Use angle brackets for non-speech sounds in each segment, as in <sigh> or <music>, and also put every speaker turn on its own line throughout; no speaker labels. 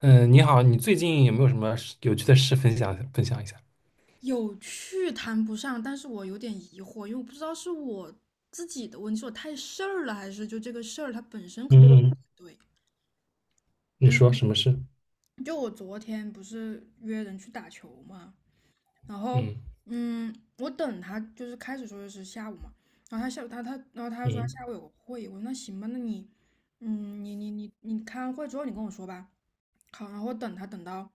嗯，你好，你最近有没有什么事有趣的事分享分享一下？
有趣谈不上，但是我有点疑惑，因为我不知道是我自己的问题，是我太事儿了，还是就这个事儿它本身可能不
嗯嗯，
对。
你说
嗯，
什么事？
就我昨天不是约人去打球嘛，然后
嗯
嗯，我等他就是开始说的是下午嘛，然后他下午他然后他说他
嗯
下午有个会，我说那行吧，那你你开完会之后你跟我说吧。好，然后我等他等到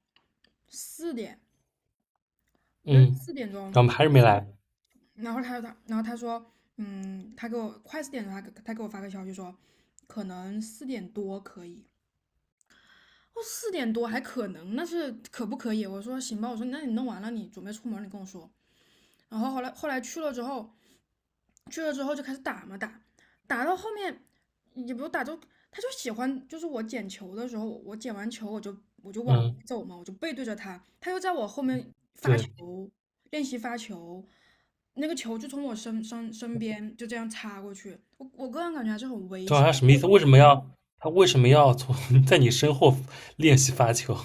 四点，那
嗯，
4点钟
咱们还是没来。
然后他然后他说，他给我快四点的时候他给我发个消息说，可能四点多可以。哦，四点多还可能，那是可不可以？我说行吧，我说那你弄完了，你准备出门，你跟我说。然后后来去了之后，去了之后就开始打嘛打，打到后面也不打就他就喜欢，就是我捡球的时候，我捡完球我就往回
嗯，
走嘛，我就背对着他，他又在我后面
对，
练习发球，那个球就从我身边就这样擦过去，我个人感觉还是很危
这好
险。
像什么意思？为什么要他为什么要从 <laughs> 在你身后练习发球？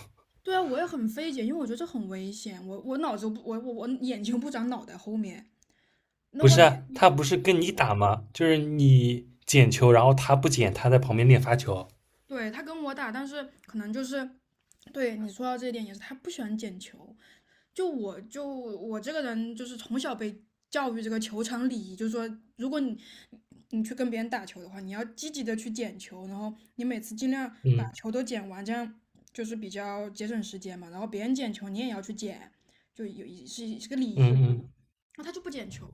对啊，我也很费解，因为我觉得这很危险。我我脑子不，我眼睛不长脑袋后面。那
不
我
是啊，他不是跟你打吗？就是你捡球，然后他不捡，他在旁边练发球。
对他跟我打，但是可能就是对你说到这一点也是，他不喜欢捡球。就我这个人就是从小被教育这个球场礼仪，就是说如果你去跟别人打球的话，你要积极的去捡球，然后你每次尽量把
嗯
球都捡完，这样就是比较节省时间嘛。然后别人捡球，你也要去捡，就有是个礼
嗯
仪。
嗯，
那他就不捡球，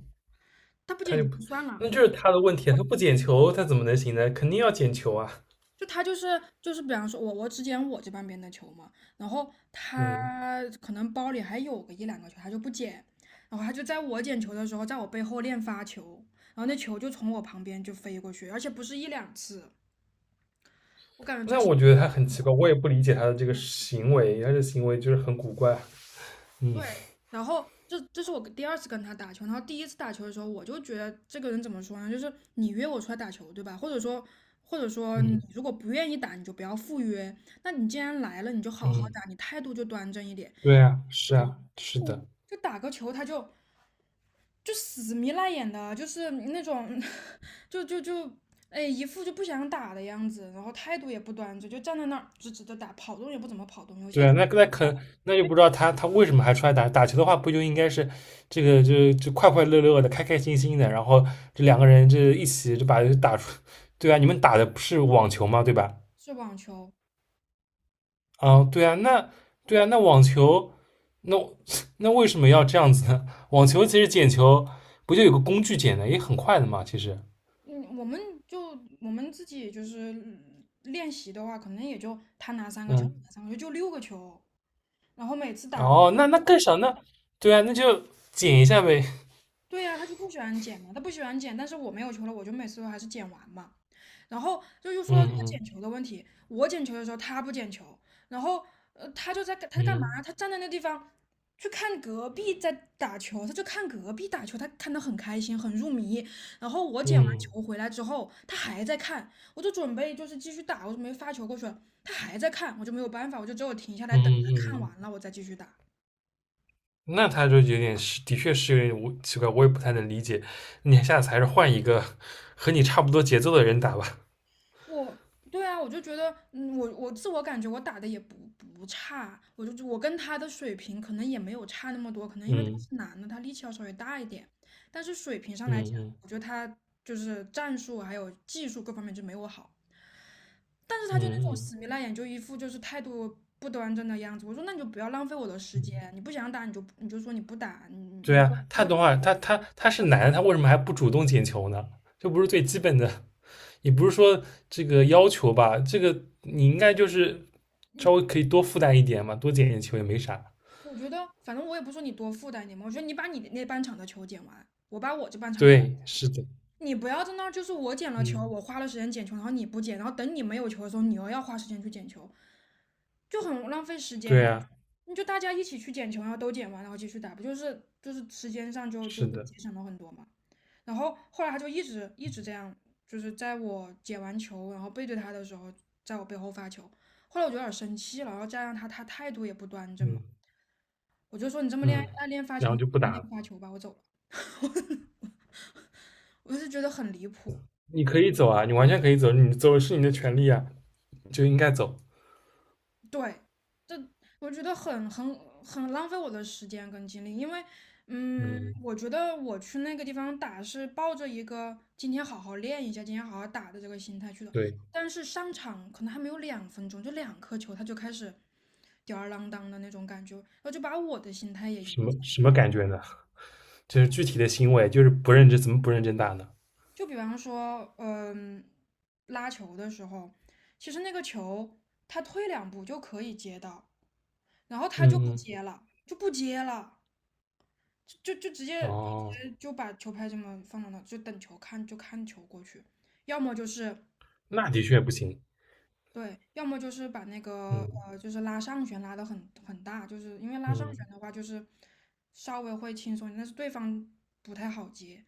他不
他
捡
就
球
不，
就算了，
那就是他的问题啊，他不捡球，他怎么能行呢？肯定要捡球啊。
就他就是，比方说我只捡我这半边的球嘛，然后
嗯。
他可能包里还有个1、2个球，他就不捡，然后他就在我捡球的时候，在我背后练发球，然后那球就从我旁边就飞过去，而且不是1、2次，我感觉这
那
是
我觉得他很奇怪，我也不理解他的这个行为，他的行为就是很古怪。嗯
对，然后这是我第二次跟他打球，然后第一次打球的时候，我就觉得这个人怎么说呢？就是你约我出来打球，对吧？或者说，或者说你
嗯
如果不愿意打，你就不要赴约。那你既然来了，你就好好
嗯，
打，你态度就端正一点。
对啊，是啊，是的，
就打个球，他就就死迷赖眼的，就是那种，<laughs> 就就就，哎，一副就不想打的样子，然后态度也不端正，就站在那儿直直的打，跑动也不怎么跑动。有
对
些
啊，那就不知道他为什么还出来打打球的话，不就应该是这个就快快乐乐的、开开心心的，然后这两个人一起就把打出，<laughs> 对啊，你们打的不是网球吗？对吧？
是网球，我
啊，对啊，那对啊，那网球，那 <laughs> 那为什么要这样子呢？网球其实捡球不就有个工具捡的，也很快的嘛，其实，
嗯，我们就我们自己就是练习的话，可能也就他拿三个球，
嗯。
拿三个球，就6个球。然后每次打完
哦，那更少，那对啊，那就减一下呗。
对呀、他就不喜欢捡嘛，他不喜欢捡，但是我没有球了，我就每次都还是捡完嘛。然后就又说
嗯
到这个捡
嗯
球的问题，我捡球的时候他不捡球，然后他就在干他在干嘛？
嗯
他站在那地方去看隔壁在打球，他就看隔壁打球，他看得很开心，很入迷。然后我捡完
嗯
球回来之后，他还在看，我就准备就是继续打，我就没发球过去了，他还在看，我就没有办法，我就只有停下
嗯
来等他看
嗯，
完了我再继续打。
嗯，那他就有点是，的确是有点无奇怪，我也不太能理解。你下次还是换一个和你差不多节奏的人打吧。
我对啊，我就觉得，我自我感觉我打的也不不差，我跟他的水平可能也没有差那么多，可能因为他
嗯
是男的，他力气要稍微大一点，但是水平上
嗯
来讲，
嗯
我觉得他就是战术还有技术各方面就没我好，但是他就那种
嗯
死皮赖脸，就一副就是态度不端正的样子。我说那你就不要浪费我的时间，
嗯，
你不想打你就你就说你不打，你你
对
你
啊，
不
他
要
的话，他是男的，他为什么还不主动捡球呢？这不是最基本的，也不是说这个要求吧，这个你应该就是稍
你，
微可以多负担一点嘛，多捡点球也没啥。
我觉得反正我也不说你多负担你嘛，我觉得你把你那半场的球捡完，我把我这半场的。
对，是的。
你不要在那儿，就是我捡了球，
嗯，
我花了时间捡球，然后你不捡，然后等你没有球的时候，你又要花时间去捡球，就很浪费时间
对
呀
啊，
你就大家一起去捡球，然后都捡完，然后继续打，不就是就是时间上就就
是
就
的，
节省了很多嘛。然后后来他就一直这样，就是在我捡完球，然后背对他的时候，在我背后发球。后来我就有点生气了，然后加上他态度也不端正嘛，
嗯
我就说你这么练
嗯，
爱练发球，
然后就不
你
打
练
了。
发球吧，我走了。<laughs> 我是觉得很离谱。
你可以走啊，你完全可以走，你走是你的权利啊，就应该走。
对，这我觉得很很浪费我的时间跟精力，因为，
嗯，
我觉得我去那个地方打是抱着一个今天好好练一下，今天好好打的这个心态去的，
对，
但是上场可能还没有2分钟，就2颗球，他就开始吊儿郎当的那种感觉，然后就把我的心态也
什
影
么
响。
什么感觉呢？就是具体的行为，就是不认真，怎么不认真打呢？
就比方说，拉球的时候，其实那个球他退2步就可以接到，然后他就不
嗯嗯，
接了，就不接了。直接就直
哦，
接就把球拍这么放到那，就等球看就看球过去，要么就是
那的确不行。
对，要么就是把那个
嗯
就是拉上旋拉得很大，就是因为拉上旋
嗯，
的话就是稍微会轻松一点但是对方不太好接，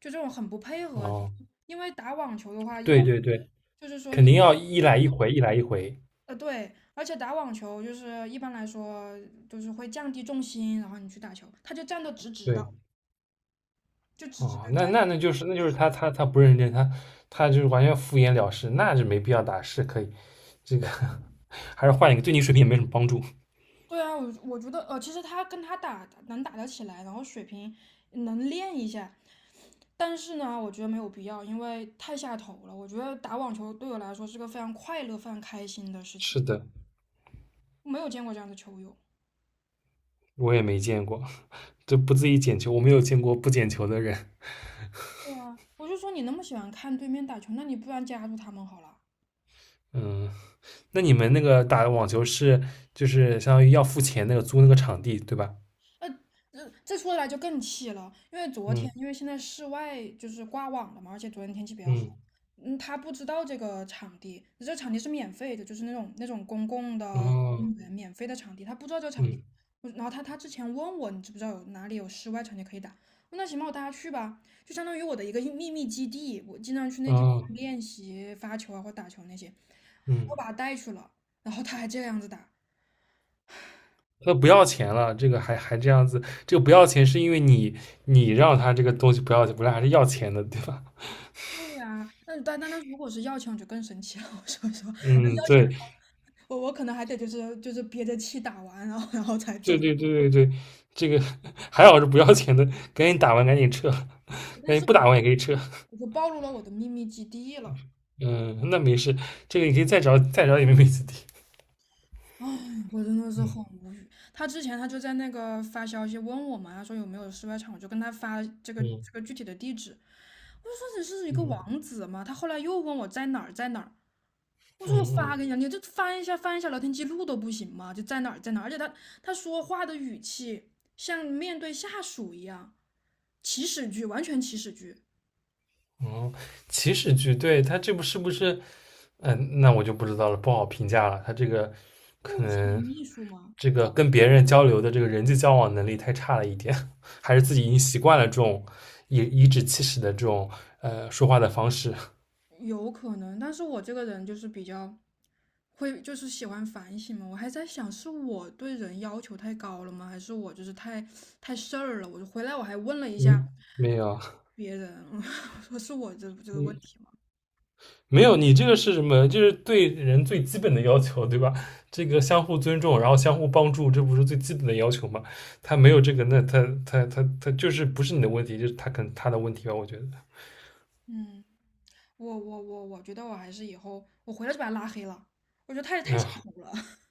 就这种很不配合。
哦，
因为打网球的话，一
对
般
对对，
就是说
肯
你
定要一来一回，一来一回。
对，而且打网球就是一般来说就是会降低重心，然后你去打球，他就站的直直的，
对，
就直直
哦，
的
那
站。
那那就是那就是他不认真，他就是完全敷衍了事，那就没必要打，是可以这个还是换一个，对你水平也没什么帮助。
对啊，我我觉得，其实他跟他打打能打得起来，然后水平能练一下，但是呢，我觉得没有必要，因为太下头了。我觉得打网球对我来说是个非常快乐、非常开心的事情，
是的，
我没有见过这样的球友。
我也没见过，就不自己捡球，我没有见过不捡球的人。
对啊，我就说你那么喜欢看对面打球，那你不然加入他们好了。
嗯，那你们那个打网球是就是相当于要付钱那个租那个场地对吧？
那这说起来就更气了，因为昨天
嗯
因为现在室外就是挂网了嘛，而且昨天天气比较好，
嗯
他不知道这个场地，这场地是免费的，就是那种那种公共的
哦
公园免费的场地，他不知道这个场地，
嗯
我然后他之前问我你知不知道有哪里有室外场地可以打，我说那行吧，我带他去吧，就相当于我的一个秘密基地，我经常去那地方
哦
练习发球啊或打球那些，
嗯，
我把他带去了，然后他还这个样子打，
那不要钱了，这个还这样子，这个不要钱是因为你让他这个东西不要不本来还是要钱的对吧？
对呀、那但是如果是要钱，我就更生气了。<laughs> 我说，
嗯，
要钱的
对，
话，我我可能还得就是憋着气打完，然后才走。
对对对对对，这个 <laughs> 还好是不要钱的，赶紧打完赶紧撤，
<laughs>
<laughs> 赶
但
紧
是
不打完也可以撤。
我就暴露了我的秘密基地了。
嗯，那没事，这个你可以再找再找也没问题。
哎，我真的是很
嗯
无语。他之前就在那个发消息问我嘛，他说有没有室外场，我就跟他发这个
嗯
这个具体的地址。我就说你是一个
嗯
王子嘛。他后来又问我在哪儿，在哪儿。我说我
嗯
发给你了，你就翻一下聊天记录都不行吗？就在哪儿在哪儿，而且他说话的语气像面对下属一样，祈使句，完全祈使句。
嗯，哦，起始句，对，他这部是不是？嗯，那我就不知道了，不好评价了。他这个
不
可
是你
能
秘书吗？
这个跟别人交流的这个人际交往能力太差了一点，<laughs> 还是自己已经习惯了这种以颐指气使的这种呃说话的方式。
有可能，但是我这个人就是比较会，就是喜欢反省嘛。我还在想，是我对人要求太高了吗？还是我就是太事儿了？我就回来我还问了一下
嗯，没有。
别人，<laughs> 我说是我这个问
嗯
题吗？
没有，你这个是什么？就是对人最基本的要求，对吧？这个相互尊重，然后相互帮助，这不是最基本的要求吗？他没有这个，那他就是不是你的问题，就是他可能他的问题吧，我觉得。
嗯，我觉得我还是以后我回来就把他拉黑了，我觉得太下
嗯
头了。<laughs>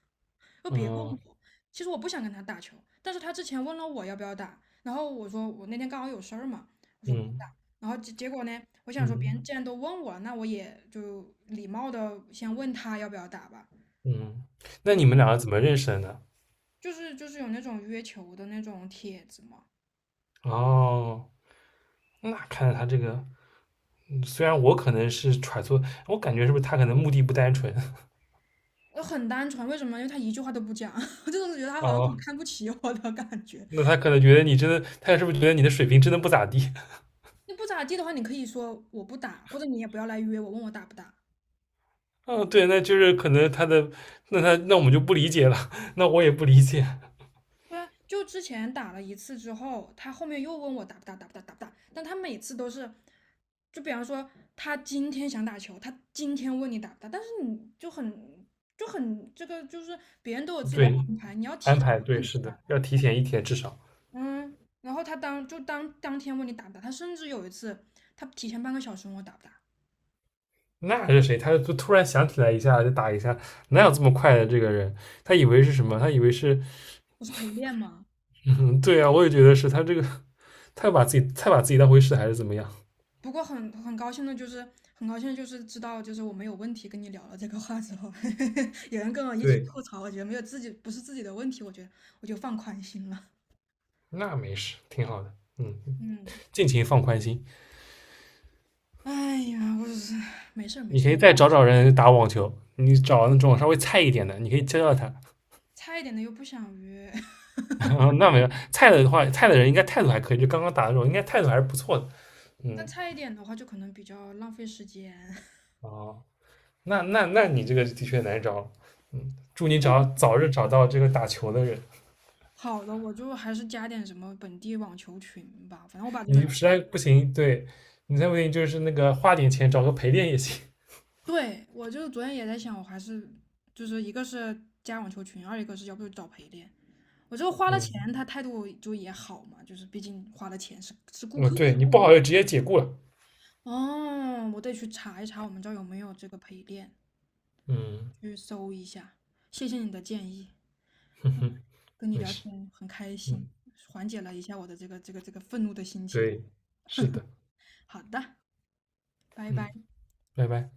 就别问
嗯
我，其实我不想跟他打球，但是他之前问了我要不要打，然后我说我那天刚好有事儿嘛，我说不
嗯
打，然后结果呢，我想说别
嗯
人既然都问我了，那我也就礼貌的先问他要不要打吧，
嗯，那
对，
你们两个怎么认识的呢？
就是有那种约球的那种帖子嘛，
哦，那看来他这个，虽然我可能是揣测，我感觉是不是他可能目的不单纯？<laughs>
我很单纯，为什么？因为他一句话都不讲，<laughs> 我就是觉得他好像很
哦，
看不起我的感觉。
那他可能觉得你真的，他是不是觉得你的水平真的不咋地？
你不咋地的话，你可以说我不打，或者你也不要来约我，问我打不打。
嗯，对，那就是可能他的，那他那我们就不理解了，<laughs> 那我也不理解。
对啊，就之前打了一次之后，他后面又问我打不打，打不打，打不打。但他每次都是，就比方说他今天想打球，他今天问你打不打，但是你就很就很这个就是别人都有自己的
对，安排对，是的，要提前一天至少。
嗯，然后他当就当当天问你打不打，他甚至有一次他提前半个小时问我打不打，
那还是谁？他就突然想起来一下，就打一下，哪有这么快的这个人？他以为是什么？他以为是，
我是陪练吗？
嗯，对啊，我也觉得是他这个，太把自己当回事，还是怎么样？
不过很高兴的就是，很高兴就是知道，就是我没有问题跟你聊了这个话之后，<laughs> 有人跟我一起
对，
吐槽，我觉得没有自己不是自己的问题，我觉得我就放宽心了。<laughs>
那没事，挺好的。嗯，
嗯，
尽情放宽心。
哎呀，我是没事儿没
你
事
可
儿，
以再找找人打网球，你找那种稍微菜一点的，你可以教教他。
差一点的又不想约，<laughs>
<laughs> 哦，那没有菜的话，菜的人应该态度还可以，就刚刚打的时候，应该态度还是不错的。
但
嗯，
差一点的话就可能比较浪费时间。<laughs>
哦，那你这个的确难找了。嗯，祝你早日找到这个打球的人。
好的，我就还是加点什么本地网球群吧，反正我把这个，
你实在不行，对你再不行就是那个花点钱找个陪练也行。
对，我就昨天也在想，我还是就是一个是加网球群，二一个是要不就找陪练。我就花了
嗯，
钱，他态度就也好嘛，就是毕竟花了钱是顾
嗯，
客。
对你不好就直接解雇了。
哦，我得去查一查我们这儿有没有这个陪练，
嗯，
去搜一下。谢谢你的建议，
<laughs> 嗯哼
跟你
没
聊
事。
天很开心，
嗯，
缓解了一下我的这个愤怒的心情。
对，是的。
好的，拜
嗯，
拜。
拜拜。